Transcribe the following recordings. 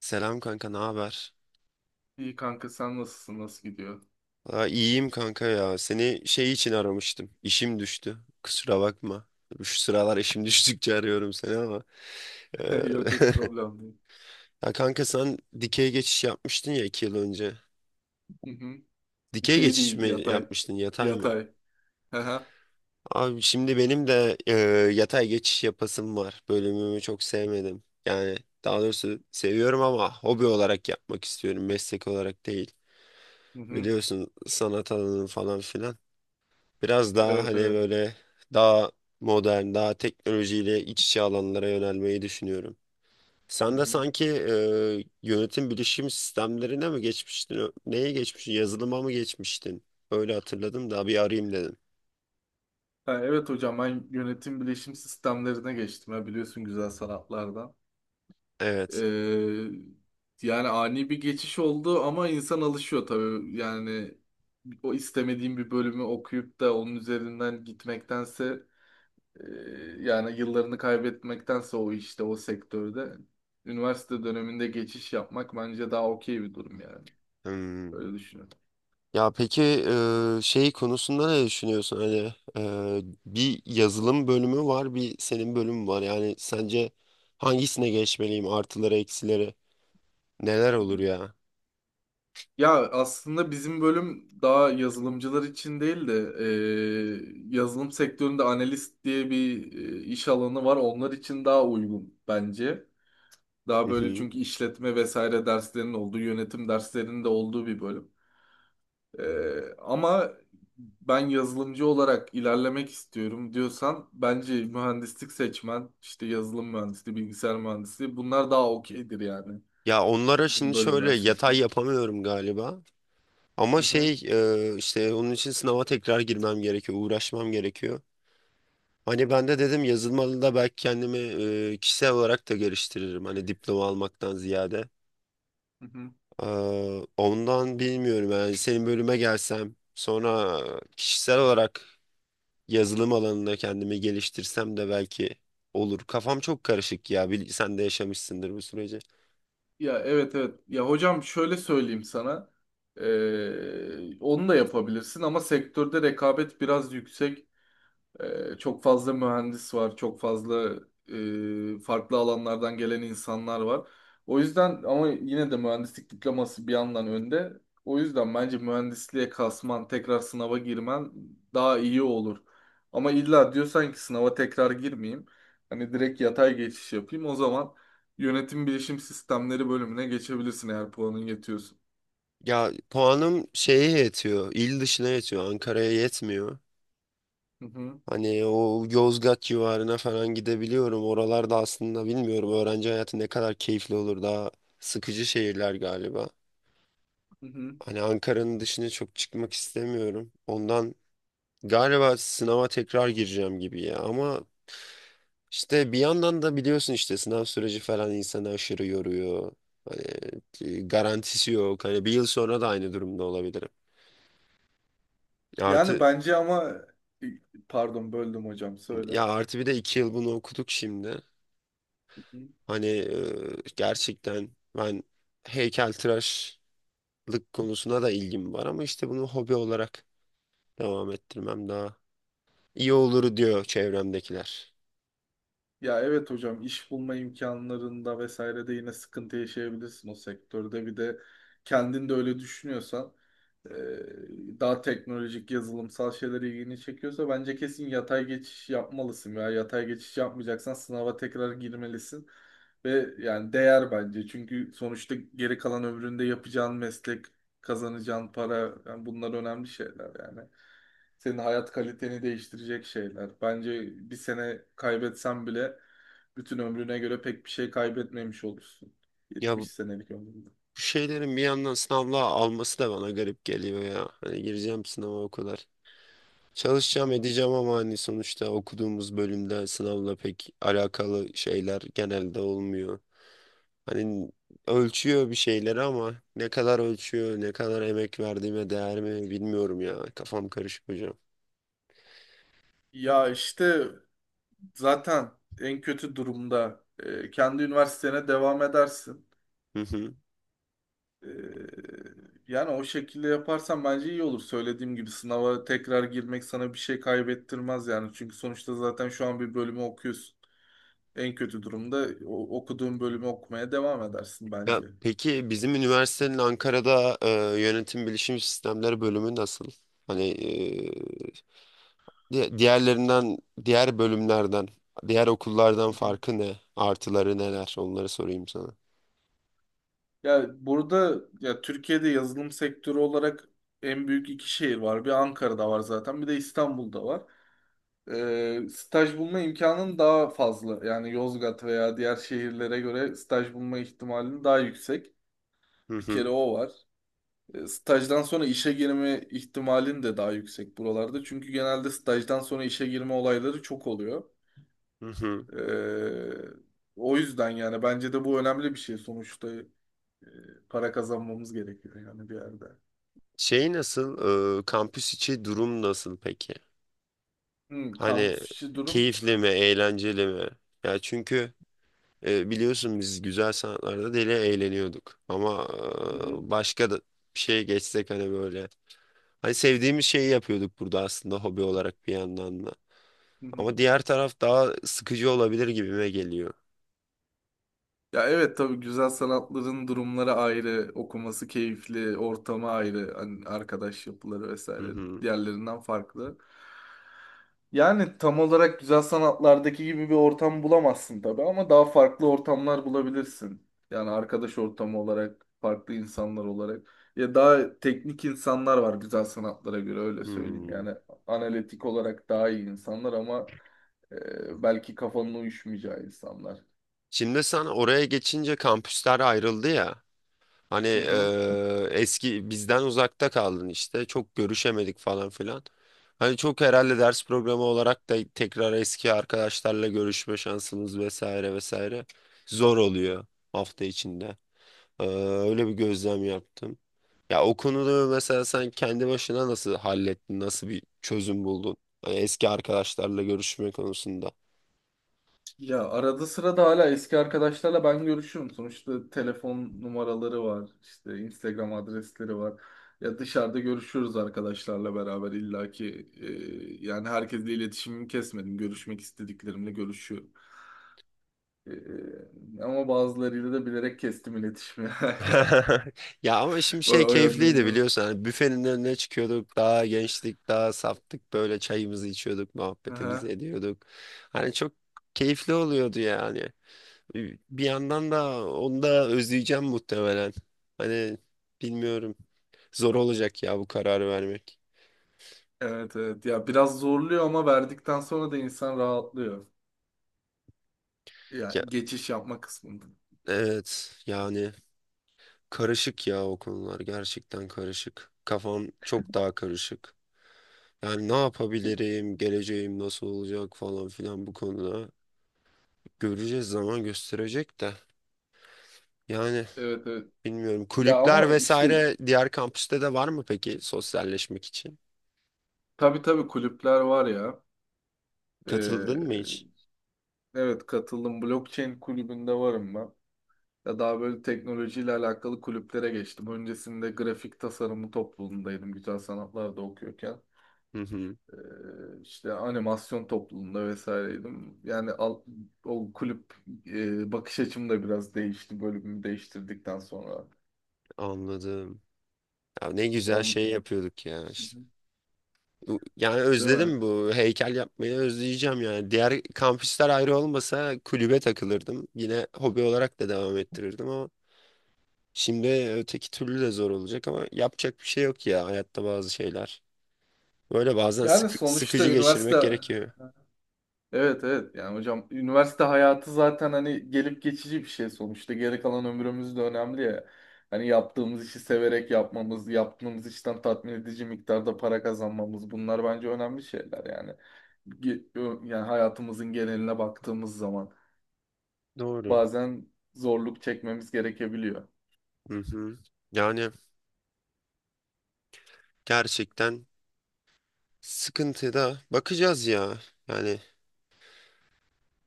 Selam kanka, ne haber? İyi kanka sen nasılsın? Nasıl gidiyor? İyiyim kanka ya. Seni şey için aramıştım. İşim düştü. Kusura bakma. Şu sıralar işim düştükçe arıyorum seni ama. Ee, Yok yok, problem değil. Ya kanka sen dikey geçiş yapmıştın ya 2 yıl önce. Hı hı. Dikey Dikey geçiş değil, mi yatay. yapmıştın, yatay mı? Yatay. Hı hı. Abi şimdi benim de yatay geçiş yapasım var. Bölümümü çok sevmedim. Yani daha doğrusu seviyorum ama hobi olarak yapmak istiyorum. Meslek olarak değil. Hı hı. Biliyorsun sanat alanı falan filan. Biraz daha Evet hani evet. böyle daha modern, daha teknolojiyle iç içe alanlara yönelmeyi düşünüyorum. Hı Sen de hı. sanki yönetim bilişim sistemlerine mi geçmiştin? Neye geçmiştin? Yazılıma mı geçmiştin? Öyle hatırladım da bir arayayım dedim. Ha, evet hocam, ben yönetim bilişim sistemlerine geçtim. Ya, biliyorsun, güzel sanatlardan. Evet. Ee, Yani ani bir geçiş oldu ama insan alışıyor tabii. Yani o istemediğim bir bölümü okuyup da onun üzerinden gitmektense Ee, yani yıllarını kaybetmektense o işte o sektörde üniversite döneminde geçiş yapmak bence daha okey bir durum yani. Hmm. Öyle düşünüyorum. Ya peki şey konusunda ne düşünüyorsun? Hani bir yazılım bölümü var, bir senin bölümün var. Yani sence hangisine geçmeliyim? Artıları, eksileri neler olur Hmm. ya? Ya aslında bizim bölüm daha yazılımcılar için değil de yazılım sektöründe analist diye bir iş alanı var. Onlar için daha uygun bence. Daha böyle, çünkü işletme vesaire derslerinin olduğu, yönetim derslerinin de olduğu bir bölüm. Ama ben yazılımcı olarak ilerlemek istiyorum diyorsan, bence mühendislik seçmen, işte yazılım mühendisliği, bilgisayar mühendisliği, bunlar daha okeydir yani Ya onlara bizim şimdi şöyle bölümdense. Hı yatay yapamıyorum galiba. Ama hı. Hı hı. şey işte onun için sınava tekrar girmem gerekiyor, uğraşmam gerekiyor. Hani ben de dedim yazılmalı da belki kendimi kişisel olarak da geliştiririm. Hani diploma almaktan ziyade. Ondan bilmiyorum yani senin bölüme gelsem sonra kişisel olarak yazılım alanında kendimi geliştirsem de belki olur. Kafam çok karışık ya. Sen de yaşamışsındır bu süreci. Ya evet evet. Ya hocam, şöyle söyleyeyim sana. Onu da yapabilirsin ama sektörde rekabet biraz yüksek. Çok fazla mühendis var, çok fazla farklı alanlardan gelen insanlar var. O yüzden, ama yine de mühendislik diploması bir yandan önde. O yüzden bence mühendisliğe kasman, tekrar sınava girmen daha iyi olur. Ama illa diyorsan ki sınava tekrar girmeyeyim, hani direkt yatay geçiş yapayım, o zaman yönetim bilişim sistemleri bölümüne geçebilirsin eğer puanın yetiyorsa. Ya puanım şeye yetiyor. İl dışına yetiyor. Ankara'ya yetmiyor. Hı hı, Hani o Yozgat civarına falan gidebiliyorum. Oralarda aslında bilmiyorum öğrenci hayatı ne kadar keyifli olur. Daha sıkıcı şehirler galiba. hı hı. Hani Ankara'nın dışına çok çıkmak istemiyorum. Ondan galiba sınava tekrar gireceğim gibi ya. Ama işte bir yandan da biliyorsun işte sınav süreci falan insanı aşırı yoruyor. Hani garantisi yok. Hani 1 yıl sonra da aynı durumda olabilirim. Yani Artı bence ama e, pardon, böldüm hocam, ya söyle. artı bir de 2 yıl bunu okuduk şimdi. Hani gerçekten ben heykeltıraşlık konusuna da ilgim var ama işte bunu hobi olarak devam ettirmem daha iyi olur diyor çevremdekiler. Ya evet hocam, iş bulma imkanlarında vesaire de yine sıkıntı yaşayabilirsin o sektörde. Bir de kendin de öyle düşünüyorsan, e, daha teknolojik, yazılımsal şeyler ilgini çekiyorsa, bence kesin yatay geçiş yapmalısın ya. Yatay geçiş yapmayacaksan sınava tekrar girmelisin. Ve yani değer bence. Çünkü sonuçta geri kalan ömründe yapacağın meslek, kazanacağın para, yani bunlar önemli şeyler yani. Senin hayat kaliteni değiştirecek şeyler. Bence bir sene kaybetsen bile bütün ömrüne göre pek bir şey kaybetmemiş olursun. Ya 70 bu senelik ömründe. bu şeylerin bir yandan sınavla alması da bana garip geliyor ya. Hani gireceğim sınava o kadar. Çalışacağım Hı. edeceğim ama hani sonuçta okuduğumuz bölümde sınavla pek alakalı şeyler genelde olmuyor. Hani ölçüyor bir şeyleri ama ne kadar ölçüyor, ne kadar emek verdiğime değer mi bilmiyorum ya. Kafam karışık hocam. Ya işte zaten en kötü durumda kendi üniversitene devam edersin. Hı hı. E, yani o şekilde yaparsan bence iyi olur. Söylediğim gibi sınava tekrar girmek sana bir şey kaybettirmez yani. Çünkü sonuçta zaten şu an bir bölümü okuyorsun. En kötü durumda okuduğun bölümü okumaya devam edersin Ya bence. peki bizim üniversitenin Ankara'da yönetim bilişim sistemleri bölümü nasıl? Hani diğerlerinden, diğer bölümlerden, diğer okullardan Hı hı. farkı ne? Artıları neler? Onları sorayım sana. Ya burada, ya Türkiye'de yazılım sektörü olarak en büyük iki şehir var. Bir, Ankara'da var zaten, bir de İstanbul'da var. Staj bulma imkanın daha fazla. Yani Yozgat veya diğer şehirlere göre staj bulma ihtimalin daha yüksek. Hı Bir kere hı. o var. Stajdan sonra işe girme ihtimalin de daha yüksek buralarda. Çünkü genelde stajdan sonra işe girme olayları çok oluyor. Hı hı. Ee, O yüzden yani bence de bu önemli bir şey sonuçta. e, Para kazanmamız gerekiyor yani bir yerde. Şey nasıl? E, kampüs içi durum nasıl peki? Hani Kampüs içi durum. keyifli mi, eğlenceli mi? Ya çünkü biliyorsun biz güzel sanatlarda deli eğleniyorduk. Ama Hı hı, başka da bir şeye geçsek hani böyle. Hani sevdiğimiz şeyi yapıyorduk burada aslında hobi olarak bir yandan da. hı hı. Ama diğer taraf daha sıkıcı olabilir gibime geliyor. Ya evet tabii, güzel sanatların durumları ayrı, okuması keyifli, ortamı ayrı, hani arkadaş yapıları Hı vesaire hı. diğerlerinden farklı. Yani tam olarak güzel sanatlardaki gibi bir ortam bulamazsın tabii ama daha farklı ortamlar bulabilirsin. Yani arkadaş ortamı olarak, farklı insanlar olarak. Ya daha teknik insanlar var güzel sanatlara göre, öyle söyleyeyim. Hmm. Yani analitik olarak daha iyi insanlar ama belki kafanın uyuşmayacağı insanlar. Şimdi sen oraya geçince kampüsler ayrıldı ya. Hani Hı hı. Eski bizden uzakta kaldın işte çok görüşemedik falan filan. Hani çok herhalde ders programı olarak da tekrar eski arkadaşlarla görüşme şansımız vesaire vesaire zor oluyor hafta içinde. Eee, Öyle bir gözlem yaptım. Ya o konuda mesela sen kendi başına nasıl hallettin, nasıl bir çözüm buldun? Hani eski arkadaşlarla görüşme konusunda. Ya arada sırada hala eski arkadaşlarla ben görüşüyorum. Sonuçta telefon numaraları var, işte Instagram adresleri var. Ya dışarıda görüşüyoruz arkadaşlarla beraber illaki. Yani herkesle iletişimimi kesmedim. Görüşmek istediklerimle görüşüyorum. Ama bazılarıyla da bilerek kestim iletişimi. Ya ama şimdi O, şey o yönden keyifliydi iyi oldu. biliyorsun. Hani büfenin önüne çıkıyorduk. Daha gençtik, daha saftık. Böyle çayımızı içiyorduk, muhabbetimizi Aha. ediyorduk. Hani çok keyifli oluyordu yani. Bir yandan da onu da özleyeceğim muhtemelen. Hani bilmiyorum. Zor olacak ya bu kararı vermek. Evet evet. Ya biraz zorluyor ama verdikten sonra da insan rahatlıyor. Ya Ya, geçiş yapma kısmında. evet yani karışık ya o konular gerçekten karışık. Kafam çok daha karışık. Yani ne yapabilirim, geleceğim nasıl olacak falan filan bu konuda. Göreceğiz zaman gösterecek de. Yani Evet evet. bilmiyorum Ya kulüpler ama işte, vesaire diğer kampüste de var mı peki sosyalleşmek için? tabii tabii, kulüpler var ya. Ee, Katıldın mı hiç? evet katıldım. Blockchain kulübünde varım ben. Ya daha böyle teknolojiyle alakalı kulüplere geçtim. Öncesinde grafik tasarımı topluluğundaydım. Güzel sanatlarda okuyorken. Hı hı, Ee, işte animasyon topluluğunda vesaireydim. Yani o kulüp bakış açım da biraz değişti bölümümü değiştirdikten sonra. anladım. Ya ne güzel On, şey yapıyorduk ya işte. Yani Değil mi? özledim bu heykel yapmayı özleyeceğim yani. Diğer kampüsler ayrı olmasa kulübe takılırdım. Yine hobi olarak da devam ettirirdim ama şimdi öteki türlü de zor olacak ama yapacak bir şey yok ya hayatta bazı şeyler. Böyle bazen Yani sonuçta sıkıcı geçirmek üniversite... gerekiyor. Evet evet, yani hocam, üniversite hayatı zaten hani gelip geçici bir şey, sonuçta geri kalan ömrümüz de önemli ya. Hani yaptığımız işi severek yapmamız, yaptığımız işten tatmin edici miktarda para kazanmamız, bunlar bence önemli şeyler yani. Yani hayatımızın geneline baktığımız zaman Doğru. bazen zorluk çekmemiz gerekebiliyor. Hı hı. Yani gerçekten sıkıntıda bakacağız ya. Yani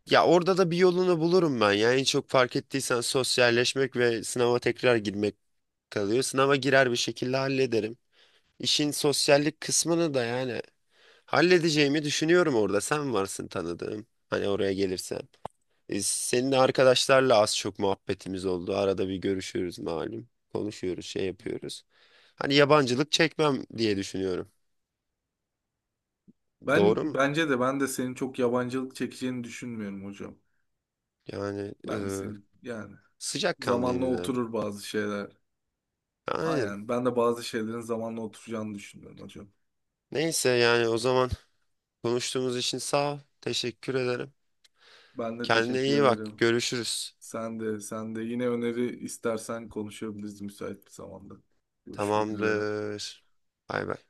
ya orada da bir yolunu bulurum ben. Yani en çok fark ettiysen sosyalleşmek ve sınava tekrar girmek kalıyor. Sınava girer bir şekilde hallederim. İşin sosyallik kısmını da yani halledeceğimi düşünüyorum orada. Sen varsın tanıdığım. Hani oraya gelirse. Senin arkadaşlarla az çok muhabbetimiz oldu. Arada bir görüşüyoruz malum. Konuşuyoruz, şey yapıyoruz. Hani yabancılık çekmem diye düşünüyorum. Ben Doğru mu? bence de ben de senin çok yabancılık çekeceğini düşünmüyorum hocam. Yani Ben de senin, yani zamanla sıcakkanlıyım zaten. oturur bazı şeyler. Aynen. Aynen. Ben de bazı şeylerin zamanla oturacağını düşünüyorum hocam. Neyse yani o zaman konuştuğumuz için sağ ol. Teşekkür ederim. Ben de Kendine teşekkür iyi bak. ederim. Görüşürüz. Sen de, sen de. Yine öneri istersen konuşabiliriz müsait bir zamanda. Görüşmek üzere. Tamamdır. Bay bay.